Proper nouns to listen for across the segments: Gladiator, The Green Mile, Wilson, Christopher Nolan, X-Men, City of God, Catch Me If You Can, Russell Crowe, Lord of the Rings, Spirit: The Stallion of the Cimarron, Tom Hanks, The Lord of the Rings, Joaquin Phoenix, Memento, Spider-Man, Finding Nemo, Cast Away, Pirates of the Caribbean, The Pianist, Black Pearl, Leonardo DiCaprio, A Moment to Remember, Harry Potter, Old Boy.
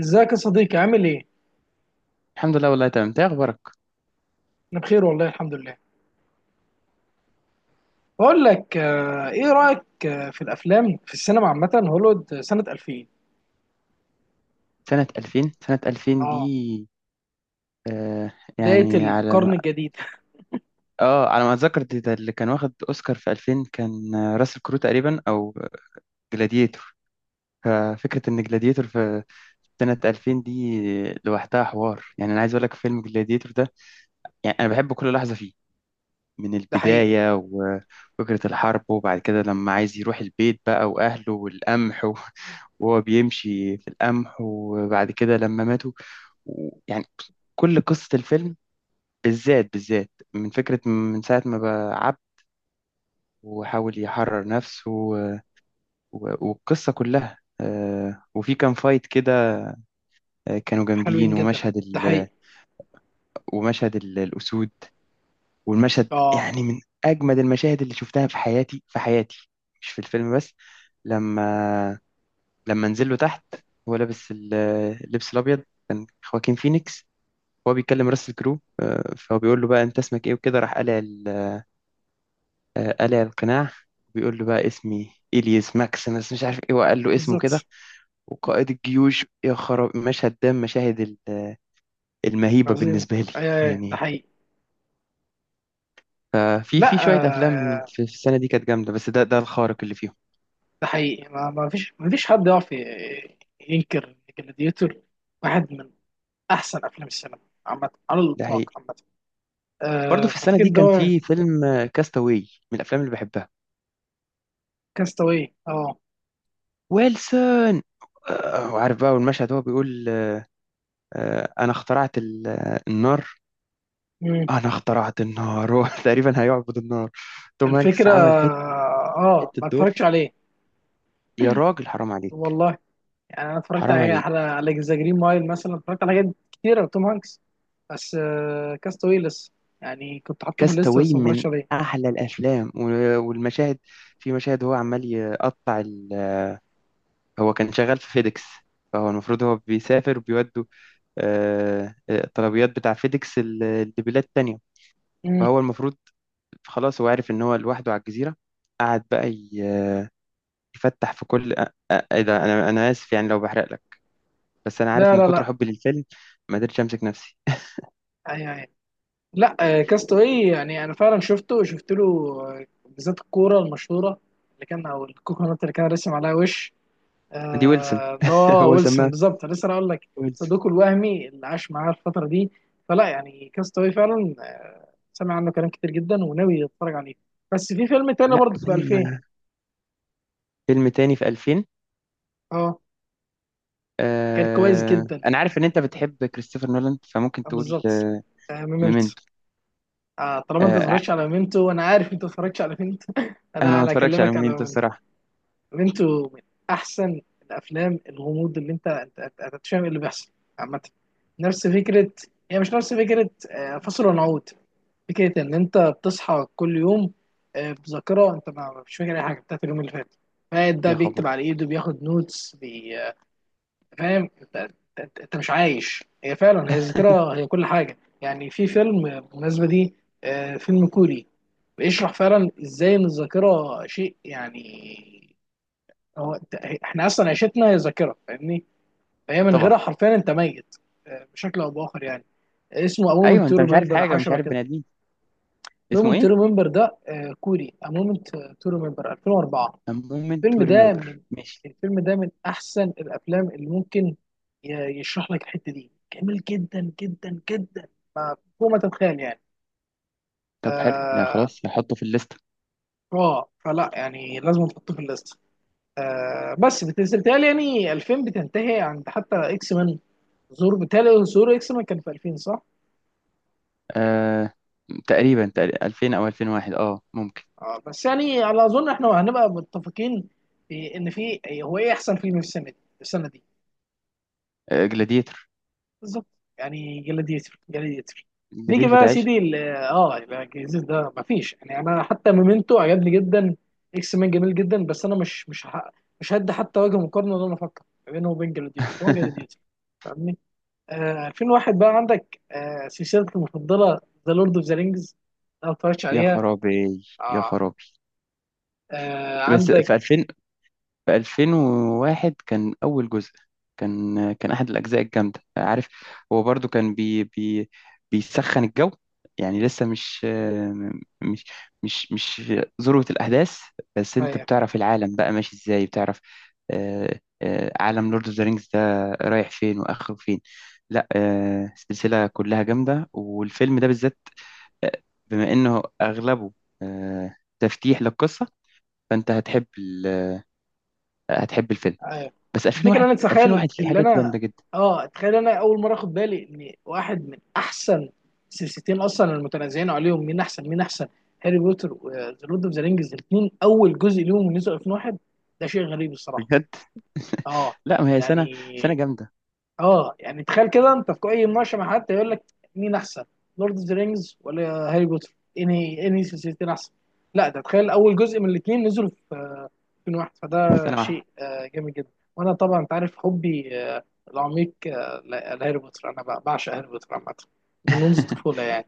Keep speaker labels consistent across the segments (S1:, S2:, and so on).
S1: ازيك يا صديقي عامل ايه؟
S2: الحمد لله والله تمام. انت ايه اخبارك؟
S1: انا بخير والله الحمد لله. بقول لك، ايه رأيك في الافلام في السينما عامة، هوليوود سنة 2000.
S2: سنة 2000، سنة 2000
S1: اه،
S2: دي. آه
S1: بداية
S2: يعني على
S1: القرن
S2: ما
S1: الجديد.
S2: اه على ما اتذكر ده اللي كان واخد اوسكار في 2000 كان، راسل كرو تقريبا او جلاديتور. ففكرة ان جلاديتور في سنة 2000 دي لوحدها حوار. يعني انا عايز اقول لك فيلم جلاديتور ده، يعني انا بحب كل لحظة فيه، من
S1: ده حقيقي.
S2: البداية وفكرة الحرب وبعد كده لما عايز يروح البيت بقى واهله والقمح. وهو بيمشي في القمح وبعد كده لما ماتوا، يعني كل قصة الفيلم، بالذات بالذات، من فكرة من ساعة ما بقى عبد وحاول يحرر نفسه والقصة كلها، وفي كان فايت كده، كانوا
S1: حلوين
S2: جامدين.
S1: جدا.
S2: ومشهد
S1: ده
S2: ال
S1: حقيقي.
S2: ومشهد ال- الأسود، والمشهد
S1: اه،
S2: يعني من أجمد المشاهد اللي شفتها في حياتي في حياتي. مش في الفيلم بس. لما لما نزل له تحت، هو لابس اللبس الأبيض. كان خواكين فينيكس هو بيكلم راس الكرو، فهو بيقول له بقى أنت اسمك إيه، وكده راح قالع، قلع القناع. بيقول له بقى اسمي إليس ماكسيمس، مش عارف ايه، وقال له اسمه
S1: بالظبط.
S2: كده وقائد الجيوش. يا خراب مشهد ده. مشاهد المهيبة
S1: عظيم.
S2: بالنسبة لي.
S1: اي، اي، ده
S2: يعني
S1: حقيقي.
S2: ففي
S1: لا،
S2: شوية أفلام
S1: آه،
S2: في السنة دي كانت جامدة، بس ده الخارق اللي فيهم.
S1: ده حقيقي. ما فيش حد يعرف ينكر جلاديتور، واحد من احسن افلام السينما عامة، على
S2: ده
S1: الاطلاق
S2: حقيقي.
S1: عامة.
S2: برضه في السنة
S1: ففكرة
S2: دي
S1: ان
S2: كان
S1: هو
S2: في فيلم كاستاوي، من الأفلام اللي بحبها.
S1: كاستاوي. اه،
S2: ويلسون، وعارف بقى، والمشهد هو بيقول أنا اخترعت النار. أنا اخترعت النار. هو تقريبا هيعبد النار. توم هانكس
S1: الفكرة.
S2: عمل حتة،
S1: اه،
S2: حتة
S1: ما اتفرجتش
S2: دور.
S1: عليه.
S2: يا راجل حرام عليك،
S1: والله يعني انا اتفرجت
S2: حرام
S1: على
S2: عليك.
S1: على على ذا جرين مايل مثلا، اتفرجت على حاجات كتيرة توم هانكس. بس كاستاوي لسه، يعني كنت حاطه في الليست بس
S2: كاستاوي
S1: ما
S2: من
S1: اتفرجتش عليه.
S2: احلى الافلام والمشاهد. في مشاهد هو عمال يقطع ال. هو كان شغال في فيديكس، فهو المفروض هو بيسافر وبيودوا الطلبيات بتاع فيديكس لبلاد تانية.
S1: مم.
S2: فهو المفروض خلاص هو عارف ان هو لوحده على الجزيرة. قعد بقى يفتح في كل ايه ده، انا اسف يعني لو بحرق لك، بس انا عارف
S1: لا،
S2: من
S1: لا،
S2: كتر
S1: لا.
S2: حبي للفيلم ما قدرتش امسك نفسي.
S1: أي، أي. لا، كاستاوي، يعني انا فعلا شفته، شفت له بالذات الكورة المشهورة اللي كان او الكوكونات اللي كان رسم عليها وش،
S2: ما دي ويلسون،
S1: اللي هو
S2: هو
S1: ويلسون.
S2: سماها
S1: بالظبط، أنا لسه هقول لك.
S2: ويلسون.
S1: صديقه الوهمي اللي عاش معاه الفترة دي. فلا يعني، كاستاوي فعلا سمع عنه كلام كتير جدا، وناوي يتفرج عليه. بس في فيلم تاني
S2: لا،
S1: برضه في 2000.
S2: فيلم تاني في 2000.
S1: اه، كان كويس جدا.
S2: انا عارف ان انت بتحب كريستوفر نولان فممكن تقول
S1: بالظبط. ميمنتو.
S2: ميمنتو.
S1: طالما انت
S2: آه ع-
S1: اتفرجتش على ميمنتو، وانا عارف انت اتفرجتش على ميمنتو،
S2: انا
S1: انا
S2: ما
S1: انا
S2: اتفرجش على
S1: اكلمك على
S2: ميمنتو
S1: ميمنتو.
S2: الصراحه.
S1: ميمنتو من احسن الافلام، الغموض اللي أنت مش فاهم اللي بيحصل عامة. نفس فكرة، هي مش نفس فكرة فصل ونعود. فكرة إن أنت بتصحى كل يوم بذاكرة، أنت ما مش فاكر أي حاجة بتاعت اليوم اللي فات. فقاعد ده
S2: يا
S1: بيكتب
S2: خبر.
S1: على إيده، بياخد نوتس بي... آه، فاهم أنت؟ أنت مش عايش. هي فعلا هي الذاكرة، هي كل حاجة يعني. في فيلم بالمناسبة دي، فيلم كوري، بيشرح فعلا إزاي إن الذاكرة شيء. يعني هو إحنا أصلا عيشتنا هي ذاكرة، فاهمني؟ فهي من
S2: طبعا.
S1: غيرها، حرفيا أنت ميت بشكل أو بآخر يعني. اسمه A Moment
S2: ايوه
S1: to
S2: انت مش عارف
S1: Remember أو
S2: حاجه،
S1: حاجة
S2: مش
S1: شبه
S2: عارف بني
S1: كده.
S2: ادمين. اسمه
S1: مومنت تو
S2: ايه؟
S1: ريمبر ده كوري. مومنت تو ريمبر 2004.
S2: A Moment
S1: الفيلم
S2: to
S1: ده
S2: Remember.
S1: من
S2: ماشي.
S1: الفيلم ده من احسن الافلام اللي ممكن يشرح لك الحته دي، جميل جدا جدا جدا، فوق ما تتخيل يعني.
S2: طب حلو. لا
S1: اه،
S2: خلاص، هحطه في الليسته.
S1: فلا يعني لازم تحطه في الليست. بس بتهيألي يعني 2000 بتنتهي عند حتى اكس مان. بتهيألي ظهور اكس مان كان في 2000 صح؟
S2: آه تقريبا، تقريبا 2000 او 2001، ممكن.
S1: بس يعني على اظن احنا هنبقى متفقين في ان هو ايه احسن فيلم في السنه دي، السنه دي
S2: جلاديتور.
S1: بالظبط. يعني جلاديتر. نيجي
S2: جلاديتور
S1: بقى يا
S2: ده عشق.
S1: سيدي، لا، الجزيز ده مفيش. يعني انا حتى مومنتو عجبني جدا. اكس مان جميل جدا، بس انا مش هدي حتى وجه مقارنه ولا انا افكر ما بينه وبين جلاديتر. هو جلاديتر، فاهمني؟ 2001 بقى عندك سلسلتك المفضله، ذا لورد اوف ذا رينجز. لو ما اتفرجتش
S2: يا
S1: عليها.
S2: خرابي، يا
S1: اه،
S2: خرابي. بس
S1: عندك
S2: في 2000، في 2001 كان أول جزء. كان أحد الأجزاء الجامدة، عارف. هو برضو كان، بي بي بيسخن الجو، يعني لسه مش مش ذروة الأحداث. بس أنت
S1: آه،
S2: بتعرف العالم بقى ماشي إزاي، بتعرف عالم لورد أوف ذا رينجز ده رايح فين وآخره فين. لا، السلسلة كلها جامدة، والفيلم ده بالذات، آه، بما إنه أغلبه تفتيح للقصة، فأنت هتحب الفيلم.
S1: ايوه.
S2: بس
S1: الفكره
S2: 2001
S1: انا اتخيل
S2: 2001 فيه
S1: اللي
S2: حاجات
S1: انا
S2: جامده جدا.
S1: اه، اتخيل انا اول مره اخد بالي ان واحد من احسن سلسلتين اصلا، المتنازعين عليهم مين احسن، مين احسن، هاري بوتر وذا لورد اوف ذا رينجز. الاثنين اول جزء ليهم نزل 2001. ده شيء غريب الصراحه.
S2: بجد.
S1: اه،
S2: لا ما هي سنه
S1: يعني،
S2: جامده،
S1: اه، يعني تخيل كده، انت في اي مناقشه مع حد يقول لك مين احسن، لورد اوف ذا رينجز ولا هاري بوتر، انهي سلسلتين احسن. لا، ده تخيل اول جزء من الاثنين نزلوا يكون واحد. فده
S2: سنه واحده.
S1: شيء جامد جدا. وانا طبعا انت عارف حبي العميق لهاري بوتر. انا بعشق هاري بوتر عامه، منذ الطفوله يعني.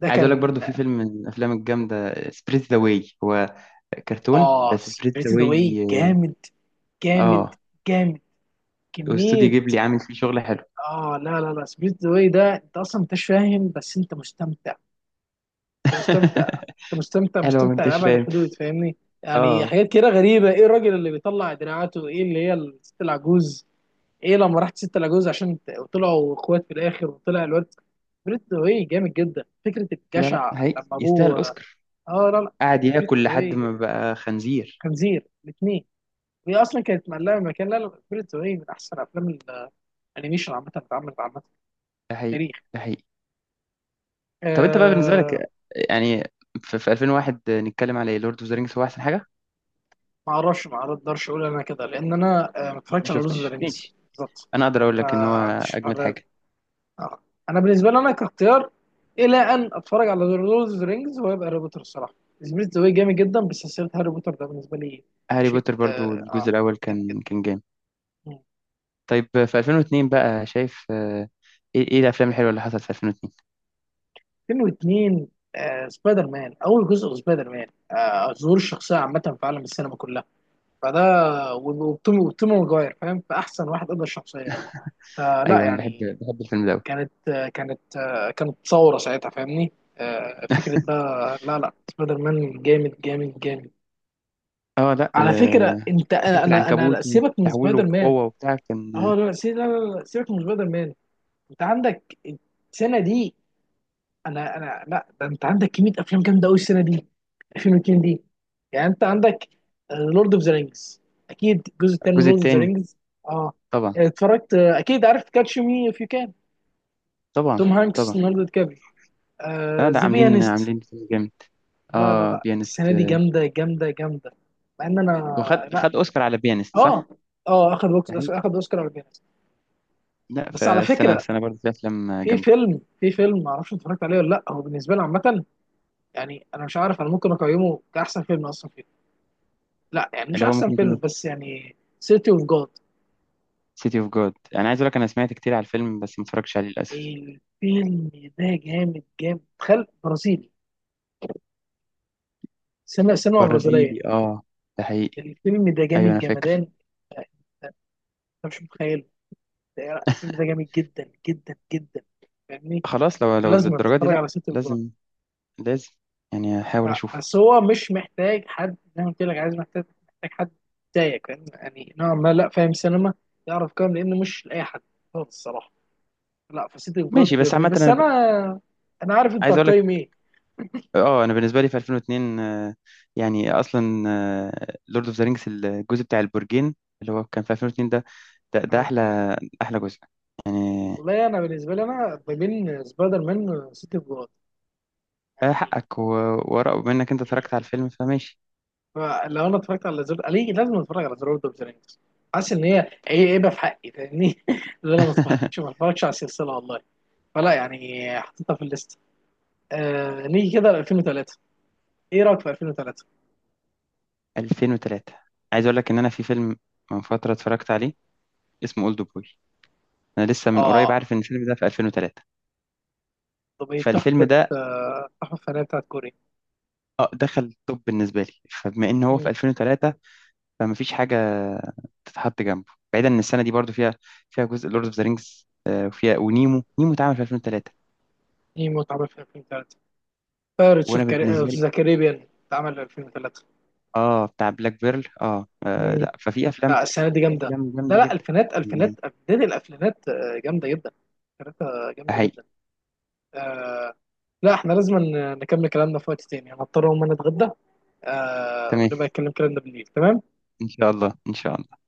S1: ده
S2: عايز اقول لك
S1: كان.
S2: برضو في فيلم من الافلام الجامده، سبريت ذا واي. هو كرتون،
S1: اه،
S2: بس سبريت ذا
S1: سبيريت ذا واي
S2: واي،
S1: جامد، جامد،
S2: اه.
S1: جامد،
S2: واستوديو
S1: كميه.
S2: جيبلي عامل فيه شغل حلو.
S1: اه، لا، لا، لا، سبيريت ذا واي ده انت اصلا، انت مش فاهم بس انت مستمتع. انت مستمتع. انت مستمتع،
S2: حلو ما
S1: مستمتع
S2: انتش
S1: لابعد
S2: فاهم.
S1: الحدود، فاهمني؟ يعني
S2: اه،
S1: حاجات كده غريبه، ايه الراجل اللي بيطلع دراعاته، ايه اللي هي الست العجوز، ايه لما رحت ستة لاجوز عشان وطلعوا اخوات في الاخر وطلع الواد. سبريت واي جامد جدا، فكره
S2: لا لا،
S1: الجشع
S2: حقيقي
S1: لما
S2: يستاهل
S1: ابوه.
S2: اوسكار.
S1: اه، لا، لا،
S2: قعد
S1: سبريت
S2: ياكل لحد
S1: واي،
S2: ما بقى خنزير.
S1: خنزير الاثنين، وهي اصلا كانت مقلقه من مكان. لا، لا، سبريت واي من احسن افلام الانيميشن عامه، اللي اتعملت عامه في
S2: ده حقيقي.
S1: التاريخ.
S2: ده حقيقي. طب انت بقى بالنسبه
S1: آه.
S2: لك، يعني في 2001 نتكلم على لورد اوف ذا رينجز هو احسن حاجه؟
S1: ما اعرفش ما اقدرش اقول انا كده، لان انا ما
S2: انت ما
S1: اتفرجتش على لوز
S2: شفتش.
S1: فيرنس بالظبط.
S2: انا اقدر اقول
S1: ما
S2: لك ان هو
S1: عنديش.
S2: اجمد حاجه.
S1: آه. انا بالنسبه لي، انا كاختيار الى ان اتفرج على ذا لورد اوف ذا رينجز ويبقى هاري بوتر الصراحه. سميث ذا واي جامد جدا، بس سلسله هاري بوتر ده بالنسبه لي
S2: هاري
S1: شيء
S2: بوتر برضو الجزء الاول
S1: جامد جدا.
S2: كان جامد.
S1: مم.
S2: طيب في 2002 بقى شايف، إيه الافلام الحلوه اللي حصلت في 2002؟
S1: فيلم واثنين، سبايدر مان اول جزء. سبايدر مان ظهور الشخصيه عامه في عالم السينما كلها. فده، وتوم ماجواير، فاهم، فاحسن واحد قدر الشخصيه. فلا
S2: ايوه انا
S1: يعني،
S2: بحب الفيلم ده أوي.
S1: كانت ثوره ساعتها، فاهمني؟ فكره بقى، لا، لا، سبايدر مان جامد، جامد، جامد.
S2: اه لا،
S1: على فكره انت،
S2: فكره العنكبوت
S1: سيبك من
S2: وتحويله
S1: سبايدر مان.
S2: القوه وبتاع
S1: اه،
S2: كان.
S1: لا، لا، لا، لا، سيبك من سبايدر مان. انت عندك السنه دي. انا انا لا، ده انت عندك كميه افلام جامده قوي السنه دي، 2002 دي. يعني انت عندك لورد اوف ذا رينجز، اكيد الجزء الثاني
S2: الجزء
S1: لورد اوف ذا
S2: الثاني.
S1: رينجز. اه،
S2: طبعا.
S1: اتفرجت، اكيد عارف كاتش مي اف يو كان،
S2: طبعا.
S1: توم هانكس،
S2: طبعا.
S1: ليوناردو دي كابري،
S2: اه لا،
S1: ذا
S2: عاملين
S1: بيانست.
S2: عاملين فيلم جامد.
S1: لا، لا،
S2: اه
S1: لا،
S2: بيانست،
S1: السنه دي جامده، جامده، جامده، مع ان انا.
S2: وخد
S1: لا،
S2: خد اوسكار على بيانست،
S1: اه
S2: صح؟
S1: اه اخد،
S2: ده حقيقي.
S1: اخد اوسكار على Pianist.
S2: لا،
S1: بس على
S2: فالسنه،
S1: فكره،
S2: السنه برضو في افلام جامده.
S1: في فيلم ما اعرفش اتفرجت عليه ولا لا، هو بالنسبه لي عامه، يعني انا مش عارف، انا ممكن اقيمه كاحسن فيلم اصلا فيه. لا، يعني مش
S2: اللي هو
S1: احسن
S2: ممكن
S1: فيلم،
S2: يكون
S1: بس يعني سيتي اوف جاد.
S2: سيتي اوف جود. انا عايز اقول لك انا سمعت كتير على الفيلم بس ما اتفرجتش عليه للاسف.
S1: الفيلم ده جامد، جامد، تخيل برازيلي، سينما برازيليه.
S2: برازيلي، اه. ده حقيقي.
S1: الفيلم ده
S2: ايوه
S1: جامد
S2: انا فاكر.
S1: جمدان، انت مش متخيله. الفيلم ده جامد جدا جدا جدا، فاهمني؟
S2: خلاص، لو
S1: لازم
S2: للدرجه دي
S1: تتفرج
S2: لا.
S1: على سيتي اوف جاد.
S2: لازم. لازم. يعني احاول
S1: لا،
S2: اشوفه.
S1: بس هو مش محتاج حد، زي ما قلت لك، عايز محتاج محتاج حد زيك، فاهم؟ يعني نوعا ما، لا، فاهم سينما، يعرف كام، لانه مش لاي حد خالص الصراحه. لا، فسيتي اوف
S2: ماشي،
S1: جاد
S2: بس عامه
S1: بس
S2: انا ب،
S1: انا، انا عارف انت
S2: عايز اقول لك.
S1: هتقيم ايه.
S2: اه انا بالنسبه لي في 2002، يعني اصلا لورد اوف ذا رينجز الجزء بتاع البرجين اللي هو كان في 2002 ده، ده
S1: آه.
S2: احلى، احلى جزء يعني.
S1: والله انا بالنسبه لي انا ما بين سبايدر مان وسيتي اوف جاد، يعني.
S2: حقك و، ورق منك انت اتفرجت على الفيلم فماشي.
S1: لو انا اتفرجت على زر، ليه لازم اتفرج على زر اوف ذا رينجز؟ حاسس ان هي هيبه في حقي، فاهمني؟ اللي انا ما اتفرجش ما اتفرجش على السلسله والله. فلا يعني، حطيتها في الليست. آه، نيجي كده ل 2003. ايه رايك في 2003؟
S2: 2003. عايز اقول لك ان انا في فيلم من فتره اتفرجت عليه اسمه اولد بوي. انا لسه من قريب
S1: اه،
S2: عارف ان الفيلم ده في 2003.
S1: طب ايه
S2: فالفيلم
S1: تحفه،
S2: ده
S1: التحفه الفنيه بتاعت كوريا.
S2: دخل التوب بالنسبة لي، فبما إن هو في
S1: مم.
S2: 2003 فما فيش حاجة تتحط جنبه، بعيدا إن السنة دي برضو فيها، جزء لورد أوف ذا رينجز، وفيها ونيمو، نيمو اتعمل في 2003.
S1: ايه متعمل في 2003؟ بايرتس اوف
S2: وأنا
S1: كاري... آه،
S2: بالنسبة
S1: في
S2: لي،
S1: ذا كاريبيان اتعمل في 2003.
S2: بتاع بلاك بيرل.
S1: مم.
S2: لا، ففي أفلام،
S1: لا، السنه دي
S2: في
S1: جامده.
S2: أفلام
S1: لا،
S2: جامدة
S1: لا،
S2: جدا
S1: الفينات،
S2: يعني.
S1: بدايه الالفينات جامده جدا. كانت جامده
S2: حقيقي.
S1: جدا. آه. لا، احنا لازم نكمل كلامنا في وقت تاني، انا هضطر اقوم، انا اتغدى. آه،
S2: تمام.
S1: ونبقى نتكلم كلامنا بالليل. تمام.
S2: إن شاء الله، إن شاء الله.